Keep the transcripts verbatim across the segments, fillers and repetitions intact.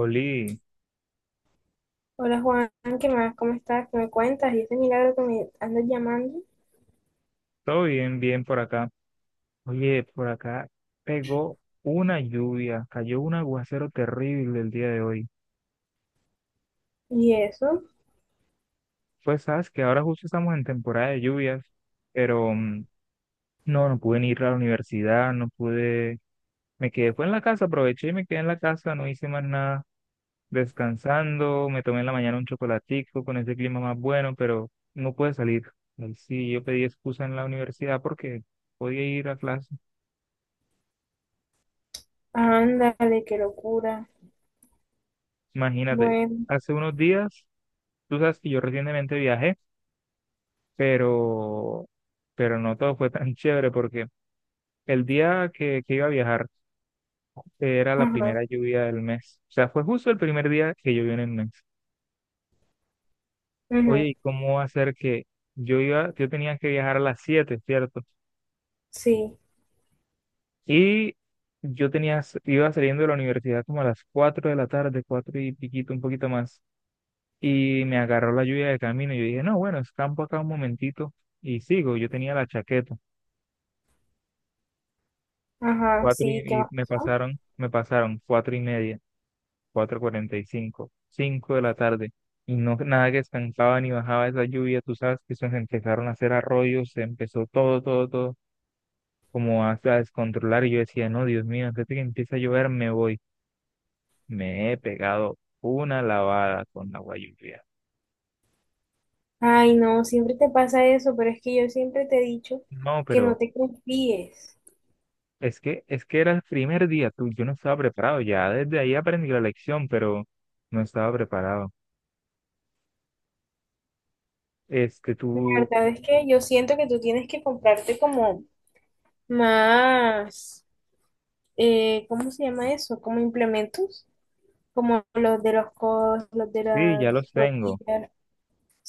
Oli, Hola Juan, ¿qué más? ¿Cómo estás? ¿Qué me cuentas? Y ese milagro que me andas llamando. todo bien, bien por acá. Oye, por acá pegó una lluvia, cayó un aguacero terrible el día de hoy. ¿Y eso? Pues sabes que ahora justo estamos en temporada de lluvias, pero mm, no, no pude ni ir a la universidad, no pude, me quedé, fue en la casa, aproveché y me quedé en la casa, no hice más nada, descansando, me tomé en la mañana un chocolatico con ese clima más bueno, pero no pude salir. Y sí, yo pedí excusa en la universidad porque podía ir a clase. Ándale, qué locura. Imagínate, Bueno, hace unos días. Tú sabes que yo recientemente viajé, pero, pero no todo fue tan chévere porque el día que, que iba a viajar eh, era la ajá, primera lluvia del mes. O sea, fue justo el primer día que llovió en el mes. ujú, Oye, ¿y cómo va a ser que yo iba, yo tenía que viajar a las siete, cierto? sí, Y yo tenía, s- iba saliendo de la universidad como a las cuatro de la tarde, cuatro y piquito, un poquito más. Y me agarró la lluvia de camino y yo dije, no, bueno, escampo acá un momentito y sigo. Yo tenía la chaqueta. ajá, Cuatro sí, ¿qué y, y más me pasó? pasaron, me pasaron cuatro y media, cuatro cuarenta y cinco, cinco de la tarde, y no nada que estancaba ni bajaba esa lluvia, tú sabes que eso se empezaron a hacer arroyos, se empezó todo, todo, todo, como a, a descontrolar, y yo decía, no, Dios mío, antes de que empiece a llover me voy. Me he pegado una lavada con agua lluvia. Ay, no, siempre te pasa eso, pero es que yo siempre te he dicho No, que no pero te confíes. es que, es que era el primer día, tú, yo no estaba preparado, ya desde ahí aprendí la lección, pero no estaba preparado. Este, La tú, verdad es que yo siento que tú tienes que comprarte como más, eh, ¿cómo se llama eso? Como implementos, como los de los codos, los de sí, ya las los tengo. rodillas.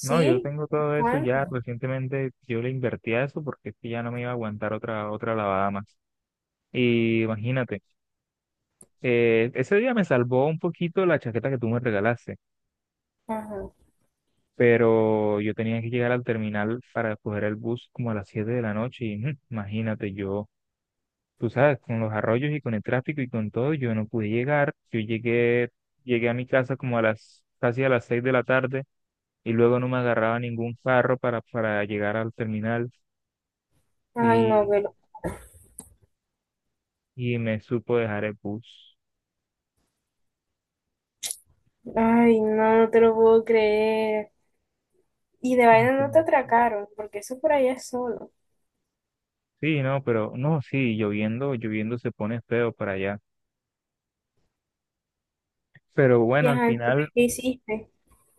No, yo tengo todo eso ya ¿Cuánto? recientemente, yo le invertí a eso porque es que ya no me iba a aguantar otra, otra lavada más. Y imagínate, eh, ese día me salvó un poquito la chaqueta que tú me regalaste, Ajá. pero yo tenía que llegar al terminal para coger el bus como a las siete de la noche y ujú, imagínate yo, tú sabes, con los arroyos y con el tráfico y con todo, yo no pude llegar, yo llegué, llegué a mi casa como a las, casi a las seis de la tarde y luego no me agarraba ningún carro para, para llegar al terminal. Ay, no, Y pero. y me supo dejar el bus. Ay, no, no te lo puedo creer. Y de vaina no te Entonces, atracaron, porque eso por allá es solo. sí, no, pero no, sí, lloviendo, lloviendo se pone feo para allá. Pero Y bueno, al ajá, entonces, final, ¿qué hiciste?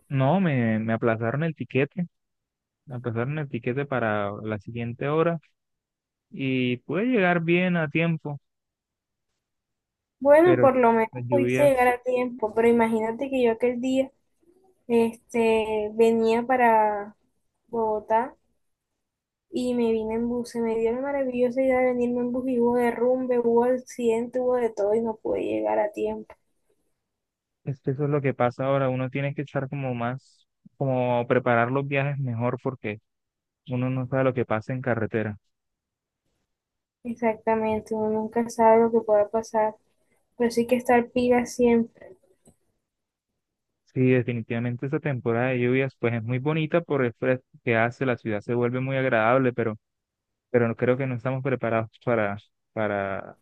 no, me, me aplazaron el tiquete, me aplazaron el tiquete, para la siguiente hora y pude llegar bien a tiempo, Bueno, pero por no, lo menos las pudiste llegar lluvias, a tiempo, pero imagínate que yo aquel día, este, venía para Bogotá y me vine en bus. Se me dio la maravillosa idea de venirme en bus y hubo derrumbe, hubo accidente, hubo de todo y no pude llegar a tiempo. es que eso es lo que pasa ahora, uno tiene que estar como más, como preparar los viajes mejor porque uno no sabe lo que pasa en carretera. Exactamente, uno nunca sabe lo que pueda pasar. Pero sí que estar pila siempre. Sí, definitivamente esta temporada de lluvias pues es muy bonita por el fresco que hace, la ciudad se vuelve muy agradable, pero, pero no- creo que no estamos preparados para, para,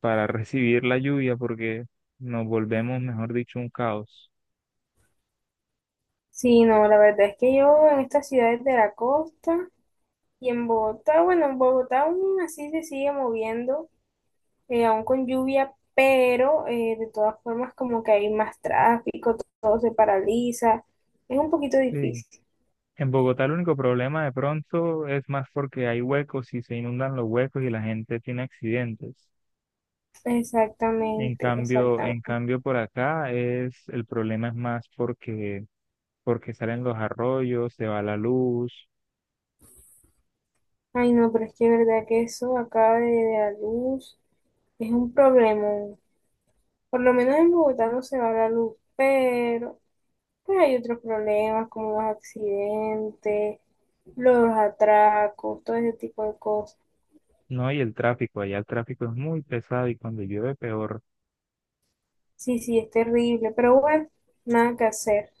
para recibir la lluvia porque nos volvemos, mejor dicho, un caos. Sí, no, la verdad es que yo en estas ciudades de la costa y en Bogotá, bueno, en Bogotá aún así se sigue moviendo, eh, aún con lluvia, pero eh, de todas formas como que hay más tráfico, to- todo se paraliza, es un poquito Sí. difícil. En Bogotá el único problema de pronto es más porque hay huecos y se inundan los huecos y la gente tiene accidentes. En Exactamente, cambio, en exactamente. cambio por acá es, el problema es más porque, porque salen los arroyos, se va la luz. Ay, no, pero es que es verdad que eso acá de, de la luz es un problema. Por lo menos en Bogotá no se va la luz, pero... Pues hay otros problemas como los accidentes, los atracos, todo ese tipo de cosas. No, y el tráfico, allá el tráfico es muy pesado y cuando llueve peor. Sí, sí, es terrible, pero bueno, nada que hacer.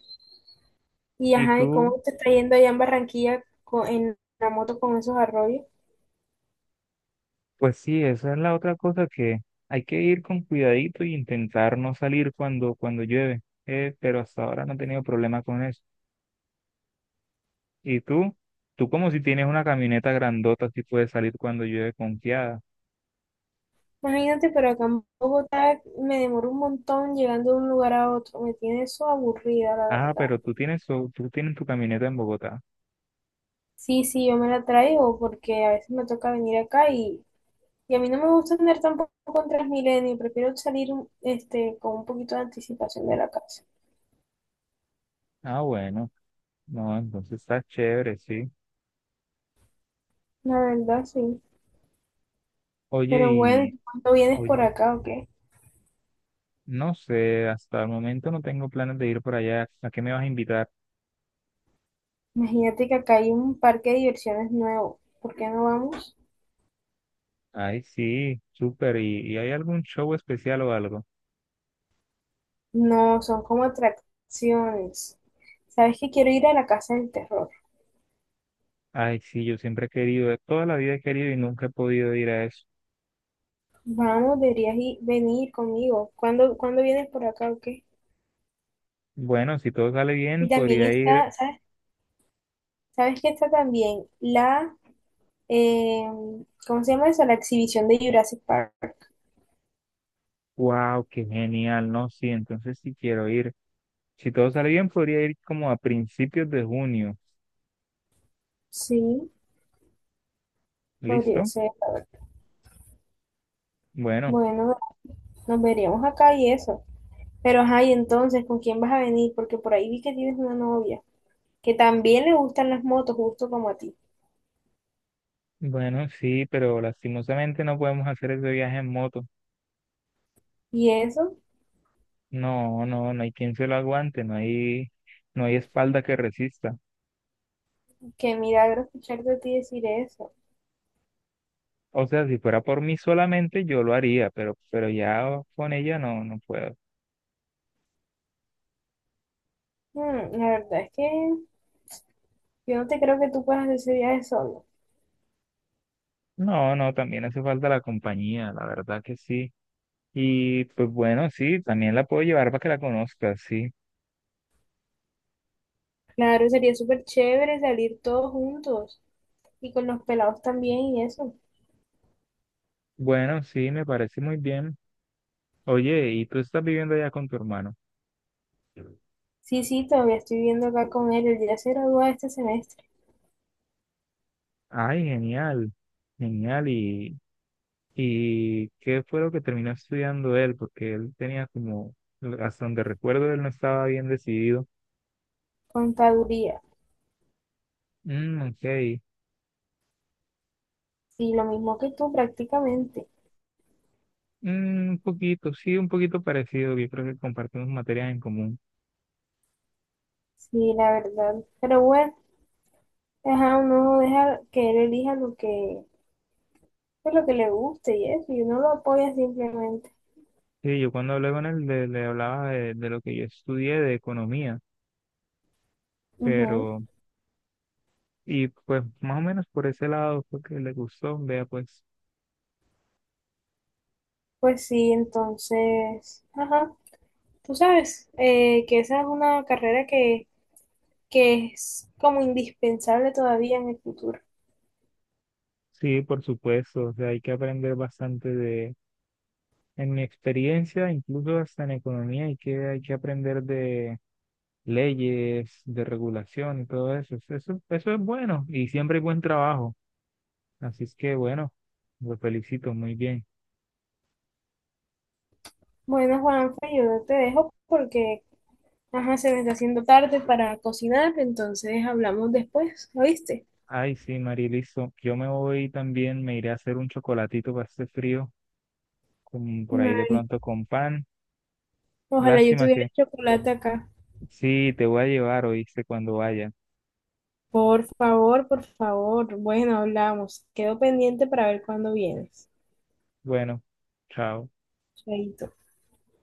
Y Y ajá, ¿y tú, cómo te está yendo allá en Barranquilla co- en la moto con esos arroyos? pues sí, esa es la otra cosa que hay que ir con cuidadito y intentar no salir cuando, cuando llueve. Eh, pero hasta ahora no he tenido problema con eso. Y tú, tú como si tienes una camioneta grandota, sí puedes salir cuando llueve confiada. Imagínate, pero acá en Bogotá me demoro un montón llegando de un lugar a otro. Me tiene eso aburrida, la Ah, verdad. pero tú tienes, tu- tú tienes tu camioneta en Bogotá. Sí, sí, yo me la traigo porque a veces me toca venir acá y Y a mí no me gusta andar tampoco con Transmilenio, prefiero salir este, con un poquito de anticipación de la casa. Ah, bueno, no, entonces está chévere, sí. La verdad, sí. Oye, Pero bueno, y, ¿y cuándo vienes por oye, acá o qué? no sé, hasta el momento no tengo planes de ir por allá. ¿A qué me vas a invitar? Imagínate que acá hay un parque de diversiones nuevo. ¿Por qué no vamos? Ay, sí, súper. ¿Y, y hay algún show especial o algo? No, son como atracciones. ¿Sabes que quiero ir a la casa del terror? Ay, sí, yo siempre he querido, eh, toda la vida he querido y nunca he podido ir a eso. Vamos, deberías ir- venir conmigo. ¿Cuándo, cuándo vienes por acá o qué? Bueno, si todo sale bien, Y también podría ir. está, ¿sabes? ¿Sabes que está también la, eh, ¿cómo se llama eso? La exhibición de Jurassic Park. Wow, qué genial, ¿no? Sí, entonces sí quiero ir. Si todo sale bien, podría ir como a principios de junio. Sí, podría ¿Listo? ser. Bueno, Bueno, nos veríamos acá y eso. Pero, ajá, y entonces, ¿con quién vas a venir? Porque por ahí vi que tienes una novia que también le gustan las motos, justo como a ti. bueno, sí, pero lastimosamente no podemos hacer ese viaje en moto. Y eso, No, no, no hay, quien se lo aguante, no hay, no hay espalda que resista. qué milagro escuchar de ti decir eso. O sea, si fuera por mí solamente, yo lo haría, pero, pero ya con ella no, no puedo. Mm, la verdad es que yo no te creo que tú puedas hacer ese viaje solo. No, no, también hace falta la compañía, la verdad que sí. Y pues bueno, sí, también la puedo llevar para que la conozca, sí. Claro, sería súper chévere salir todos juntos y con los pelados también y eso. Bueno, sí, me parece muy bien. Oye, ¿y tú estás viviendo allá con tu hermano? Sí, sí, todavía estoy viendo acá con él. Él ya se gradúa este semestre, Ay, genial, genial. ¿Y, y qué fue lo que terminó estudiando él? Porque él tenía como, hasta donde recuerdo, él no estaba bien decidido. contaduría. Mm, ok. Y lo mismo que tú prácticamente. Mm, un poquito, sí, un poquito parecido. Yo creo que compartimos materias en común. Sí, la verdad. Pero bueno, ajá, uno deja que él elija lo que, pues, lo que le guste y eso, y uno lo apoya simplemente. Sí, yo cuando hablé con él le, le hablaba de, de lo que yo estudié de economía, Ujú. pero, y pues más o menos por ese lado fue que le gustó. Vea, pues Pues sí, entonces, ajá, tú sabes eh, que esa es una carrera que, que es como indispensable todavía en el futuro. sí, por supuesto, o sea, hay que aprender bastante de, en mi experiencia, incluso hasta en economía, hay que, hay que aprender de leyes, de regulación y todo eso. Eso, eso es bueno y siempre hay buen trabajo. Así es que bueno, lo felicito muy bien. Bueno, Juanfe, yo te dejo porque, ajá, se me está haciendo tarde para cocinar, entonces hablamos después, ¿oíste? Ay, sí, Mariliso. Yo me voy también, me iré a hacer un chocolatito para este frío, con, por ahí de Ay, pronto con pan. ojalá yo Lástima tuviera que chocolate acá. sí, te voy a llevar, oíste, cuando vaya. Por favor, por favor. Bueno, hablamos. Quedo pendiente para ver cuándo vienes. Bueno, chao. Chaito.